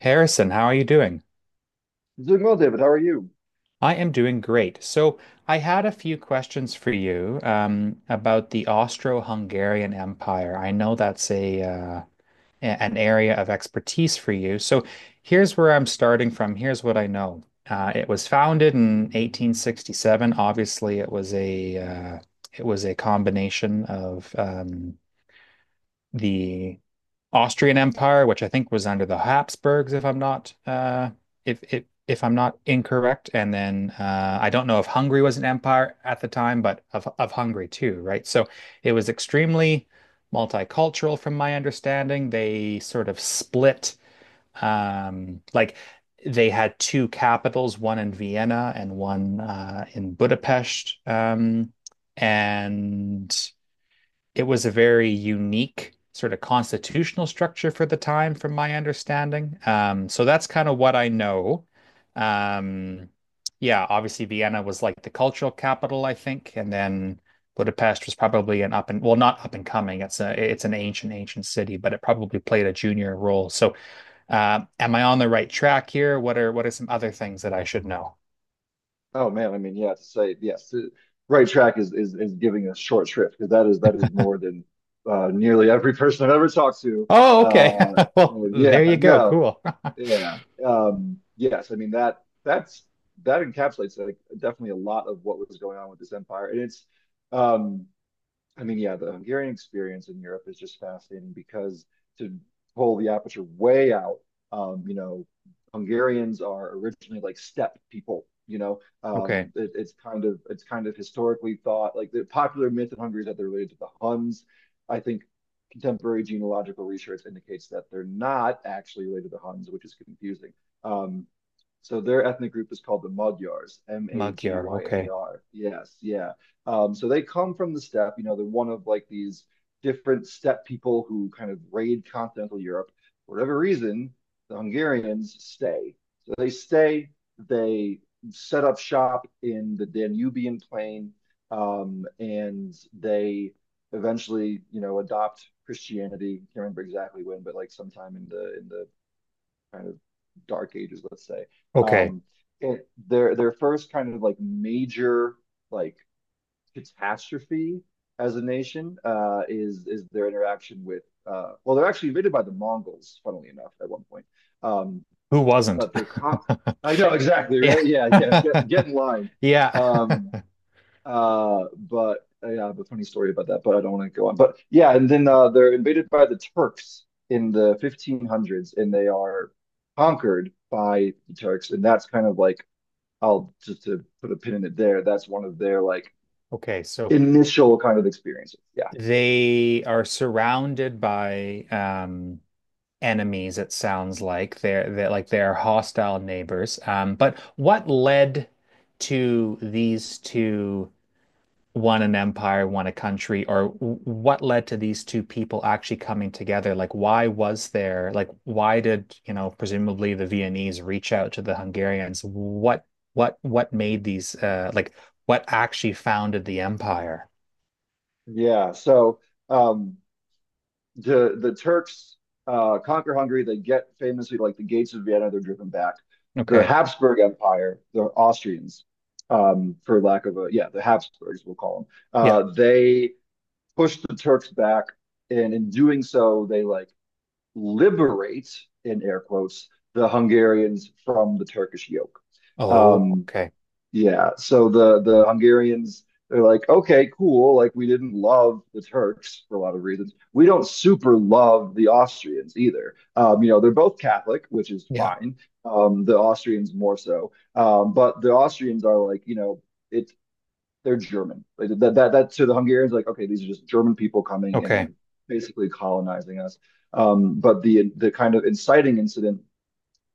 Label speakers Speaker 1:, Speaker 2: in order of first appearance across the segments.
Speaker 1: Harrison, how are you doing?
Speaker 2: Doing well, David. How are you?
Speaker 1: I am doing great. So, I had a few questions for you about the Austro-Hungarian Empire. I know that's an area of expertise for you. So, here's where I'm starting from. Here's what I know. It was founded in 1867. Obviously, it was a combination of the Austrian Empire, which I think was under the Habsburgs, if I'm not if if if I'm not incorrect. And then I don't know if Hungary was an empire at the time, but of Hungary too, right? So it was extremely multicultural, from my understanding. They sort of split, like they had two capitals, one in Vienna and one in Budapest, and it was a very unique sort of constitutional structure for the time, from my understanding. So that's kind of what I know. Um, yeah, obviously Vienna was like the cultural capital, I think, and then Budapest was probably an up and well, not up and coming. It's an ancient, ancient city, but it probably played a junior role. So, am I on the right track here? What are some other things that I should know?
Speaker 2: Oh man, I mean, yeah, to say right track is giving us short shrift, because that is more than nearly every person I've ever talked to.
Speaker 1: Oh, okay.
Speaker 2: Uh,
Speaker 1: Well, there you
Speaker 2: yeah,
Speaker 1: go.
Speaker 2: no,
Speaker 1: Cool.
Speaker 2: yeah, yes. I mean that that's that encapsulates, like, definitely a lot of what was going on with this empire, and it's um, I mean, yeah, the Hungarian experience in Europe is just fascinating because to pull the aperture way out, you know, Hungarians are originally, like, steppe people. You know,
Speaker 1: Okay.
Speaker 2: it's kind of historically thought, like, the popular myth in Hungary is that they're related to the Huns. I think contemporary genealogical research indicates that they're not actually related to the Huns, which is confusing. Um, so their ethnic group is called the Magyars,
Speaker 1: Magyar. Okay.
Speaker 2: Magyar. Yes, yeah. So they come from the steppe. You know, they're one of, like, these different steppe people who kind of raid continental Europe. For whatever reason, the Hungarians stay. So they stay. They set up shop in the Danubian plain, and they eventually, you know, adopt Christianity. Can't remember exactly when, but, like, sometime in the kind of dark ages, let's say.
Speaker 1: Okay.
Speaker 2: Um, and their first kind of, like, major, like, catastrophe as a nation is their interaction with well, they're actually invaded by the Mongols, funnily enough, at one point um,
Speaker 1: Who wasn't?
Speaker 2: but they're con I know, exactly,
Speaker 1: Yeah.
Speaker 2: right, yeah, yeah, get in line.
Speaker 1: Yeah.
Speaker 2: Um, but Yeah, I have a funny story about that, but I don't want to go on. But yeah, and then they're invaded by the Turks in the 1500s, and they are conquered by the Turks, and that's kind of like, I'll just to put a pin in it there. That's one of their, like,
Speaker 1: Okay. So
Speaker 2: initial kind of experiences. Yeah.
Speaker 1: they are surrounded by enemies, it sounds like. They're hostile neighbors. But what led to these two, one an empire, one a country, or what led to these two people actually coming together? Like, why did, presumably the Viennese reach out to the Hungarians. What, what made these, uh, like, what actually founded the empire?
Speaker 2: Yeah. So um, the Turks conquer Hungary. They get, famously, like, the gates of Vienna. They're driven back. The
Speaker 1: Okay.
Speaker 2: Habsburg Empire, the Austrians, for lack of a yeah, the Habsburgs, we'll call them.
Speaker 1: Yeah.
Speaker 2: They push the Turks back, and in doing so, they, like, liberate, in air quotes, the Hungarians from the Turkish yoke.
Speaker 1: Oh,
Speaker 2: Um,
Speaker 1: okay.
Speaker 2: Yeah, so the Hungarians, they're like, okay, cool. Like, we didn't love the Turks for a lot of reasons. We don't super love the Austrians either. You know, they're both Catholic, which is
Speaker 1: Yeah.
Speaker 2: fine. The Austrians more so, but the Austrians are like, you know, it's they're German. Like, that to the Hungarians, like, okay, these are just German people coming in
Speaker 1: Okay.
Speaker 2: and basically colonizing us. But the kind of inciting incident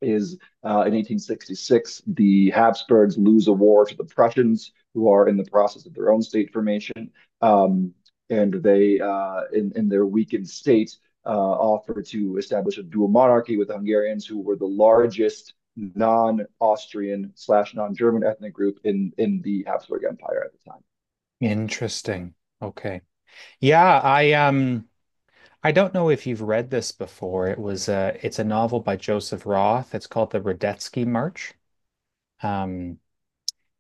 Speaker 2: is in 1866, the Habsburgs lose a war to the Prussians, who are in the process of their own state formation. Um, and they, in their weakened state, offer to establish a dual monarchy with the Hungarians, who were the largest non-Austrian slash non-German ethnic group in the Habsburg Empire at the time.
Speaker 1: Interesting. Okay. Yeah, I don't know if you've read this before. It's a novel by Joseph Roth. It's called The Radetzky March. Um,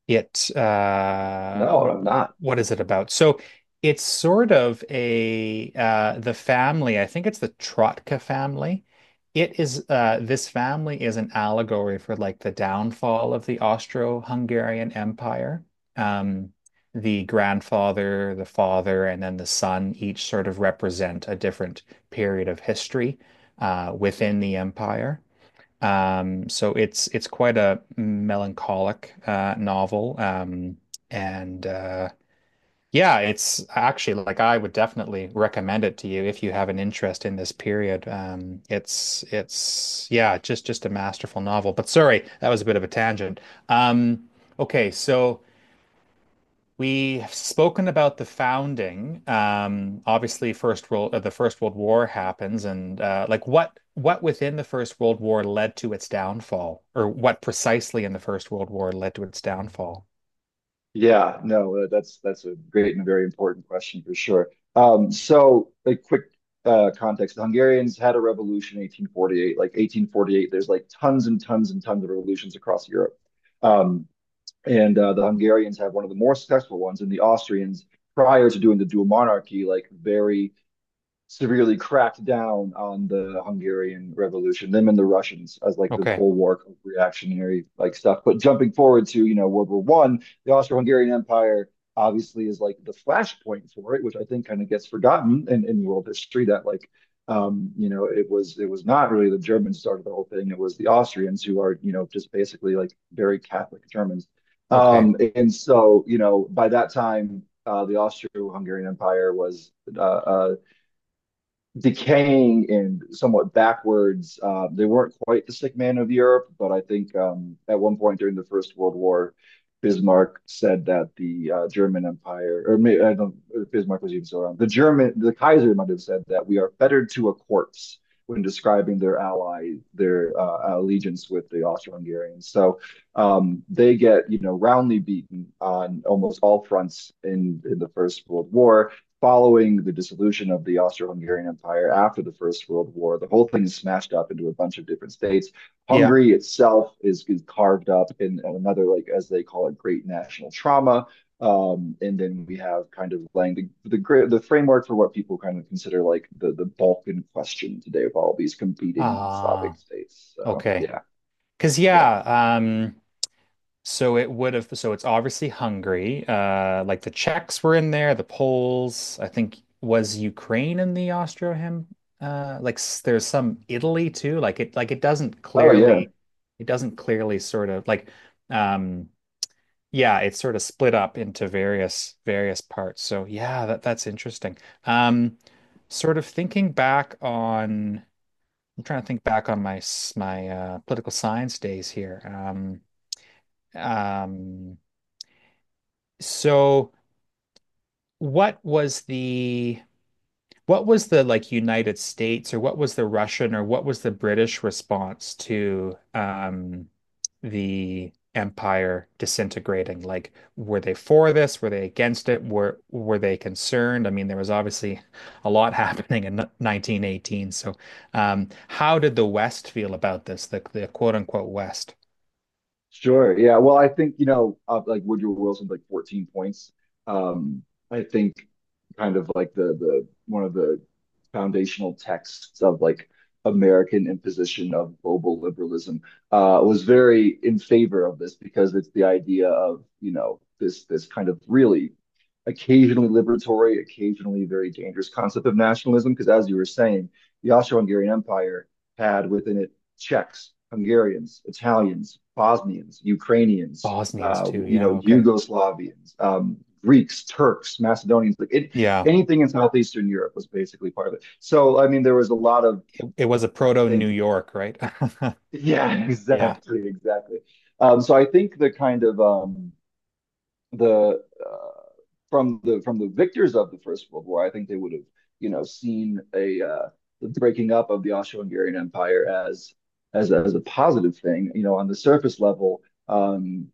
Speaker 1: it
Speaker 2: No, I'm not.
Speaker 1: what is it about? So it's sort of a the family, I think it's the Trotka family. It is this family is an allegory for like the downfall of the Austro-Hungarian Empire. Um the grandfather, the father, and then the son each sort of represent a different period of history within the empire. So it's quite a melancholic novel, and yeah, it's actually like I would definitely recommend it to you if you have an interest in this period. It's yeah, just a masterful novel. But sorry, that was a bit of a tangent. Um, okay, so, we've spoken about the founding. Obviously, first world the First World War happens, and like what within the First World War led to its downfall, or what precisely in the First World War led to its downfall?
Speaker 2: Yeah, no, that's a great and a very important question for sure. So a quick context: the Hungarians had a revolution in 1848. Like, 1848, there's, like, tons and tons and tons of revolutions across Europe, um, and the Hungarians have one of the more successful ones. And the Austrians, prior to doing the dual monarchy, like, very severely cracked down on the Hungarian Revolution, them and the Russians as, like, the
Speaker 1: Okay,
Speaker 2: bulwark of reactionary, like, stuff. But jumping forward to, you know, World War One, the Austro-Hungarian Empire obviously is, like, the flashpoint for it, which I think kind of gets forgotten in world history. That like, you know, it was not really the Germans started the whole thing. It was the Austrians, who are, you know, just basically, like, very Catholic Germans.
Speaker 1: okay,
Speaker 2: And so, you know, by that time, the Austro-Hungarian Empire was uh, uh, decaying and somewhat backwards. They weren't quite the sick man of Europe, but I think, at one point during the First World War, Bismarck said that the German Empire, or maybe, I don't know if Bismarck was even still around. The German, the Kaiser might have said that we are fettered to a corpse when describing their ally, their allegiance with the Austro-Hungarians. So they get, you know, roundly beaten on almost all fronts in the First World War, following the dissolution of the Austro-Hungarian Empire after the First World War. The whole thing is smashed up into a bunch of different states.
Speaker 1: yeah,
Speaker 2: Hungary itself is carved up in another, like, as they call it, great national trauma. And then we have kind of laying the framework for what people kind of consider, like, the Balkan question today, with all these competing Slavic
Speaker 1: ah,
Speaker 2: states. So
Speaker 1: okay,
Speaker 2: yeah,
Speaker 1: because
Speaker 2: yeah.
Speaker 1: yeah, um, so it's obviously Hungary. Like the Czechs were in there, the Poles, I think was Ukraine in the Austro-Hem like s- there's some Italy too. Like it doesn't
Speaker 2: Oh yeah.
Speaker 1: clearly it doesn't clearly sort of like um yeah, it's sort of split up into various parts. So, yeah, that's interesting. Um sort of thinking back on I'm trying to think back on my political science days here. Um so what was the what was the like United States, or what was the Russian, or what was the British response to the empire disintegrating? Like, were they for this? Were they against it? Were they concerned? I mean, there was obviously a lot happening in 1918. So, how did the West feel about this? The quote unquote West.
Speaker 2: Sure. Yeah. Well, I think, you know, like, Woodrow Wilson's like 14 points. Um, I think kind of like the one of the foundational texts of, like, American imposition of global liberalism was very in favor of this, because it's the idea of, you know, this kind of really occasionally liberatory, occasionally very dangerous concept of nationalism. Because, as you were saying, the Austro-Hungarian Empire had within it Czechs, Hungarians, Italians, Bosnians, Ukrainians,
Speaker 1: Bosnians too.
Speaker 2: you know,
Speaker 1: Yeah, okay.
Speaker 2: Yugoslavians, Greeks, Turks, Macedonians, like, it,
Speaker 1: Yeah.
Speaker 2: anything in Southeastern Europe was basically part of it. So, I mean, there was a lot of,
Speaker 1: It was a
Speaker 2: I
Speaker 1: proto New
Speaker 2: think,
Speaker 1: York, right?
Speaker 2: yeah,
Speaker 1: Yeah.
Speaker 2: exactly, exactly. So I think the kind of the from the from the victors of the First World War, I think they would have, you know, seen a the breaking up of the Austro-Hungarian Empire as as a positive thing, you know, on the surface level, um,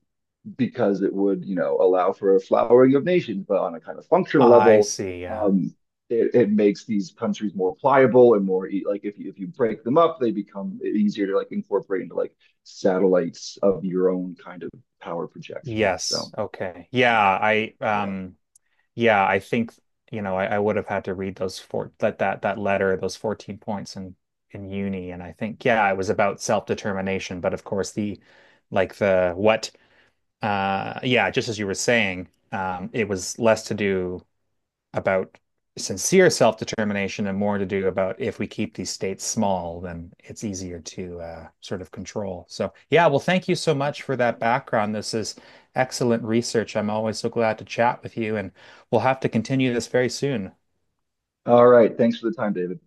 Speaker 2: because it would, you know, allow for a flowering of nations, but on a kind of functional
Speaker 1: I
Speaker 2: level.
Speaker 1: see. Yeah.
Speaker 2: Um, it, it makes these countries more pliable and more like, if you break them up, they become easier to, like, incorporate into, like, satellites of your own kind of power projection.
Speaker 1: Yes.
Speaker 2: So
Speaker 1: Okay. Yeah.
Speaker 2: yeah.
Speaker 1: I,
Speaker 2: Yeah,
Speaker 1: yeah, I think, you know, I would have had to read those four, that letter, those 14 points in uni. And I think, yeah, it was about self-determination, but of course the like the what yeah, just as you were saying, it was less to do about sincere self-determination and more to do about if we keep these states small, then it's easier to sort of control. So, yeah, well, thank you so
Speaker 2: one
Speaker 1: much
Speaker 2: hundred
Speaker 1: for that
Speaker 2: percent.
Speaker 1: background. This is excellent research. I'm always so glad to chat with you, and we'll have to continue this very soon.
Speaker 2: All right. Thanks for the time, David.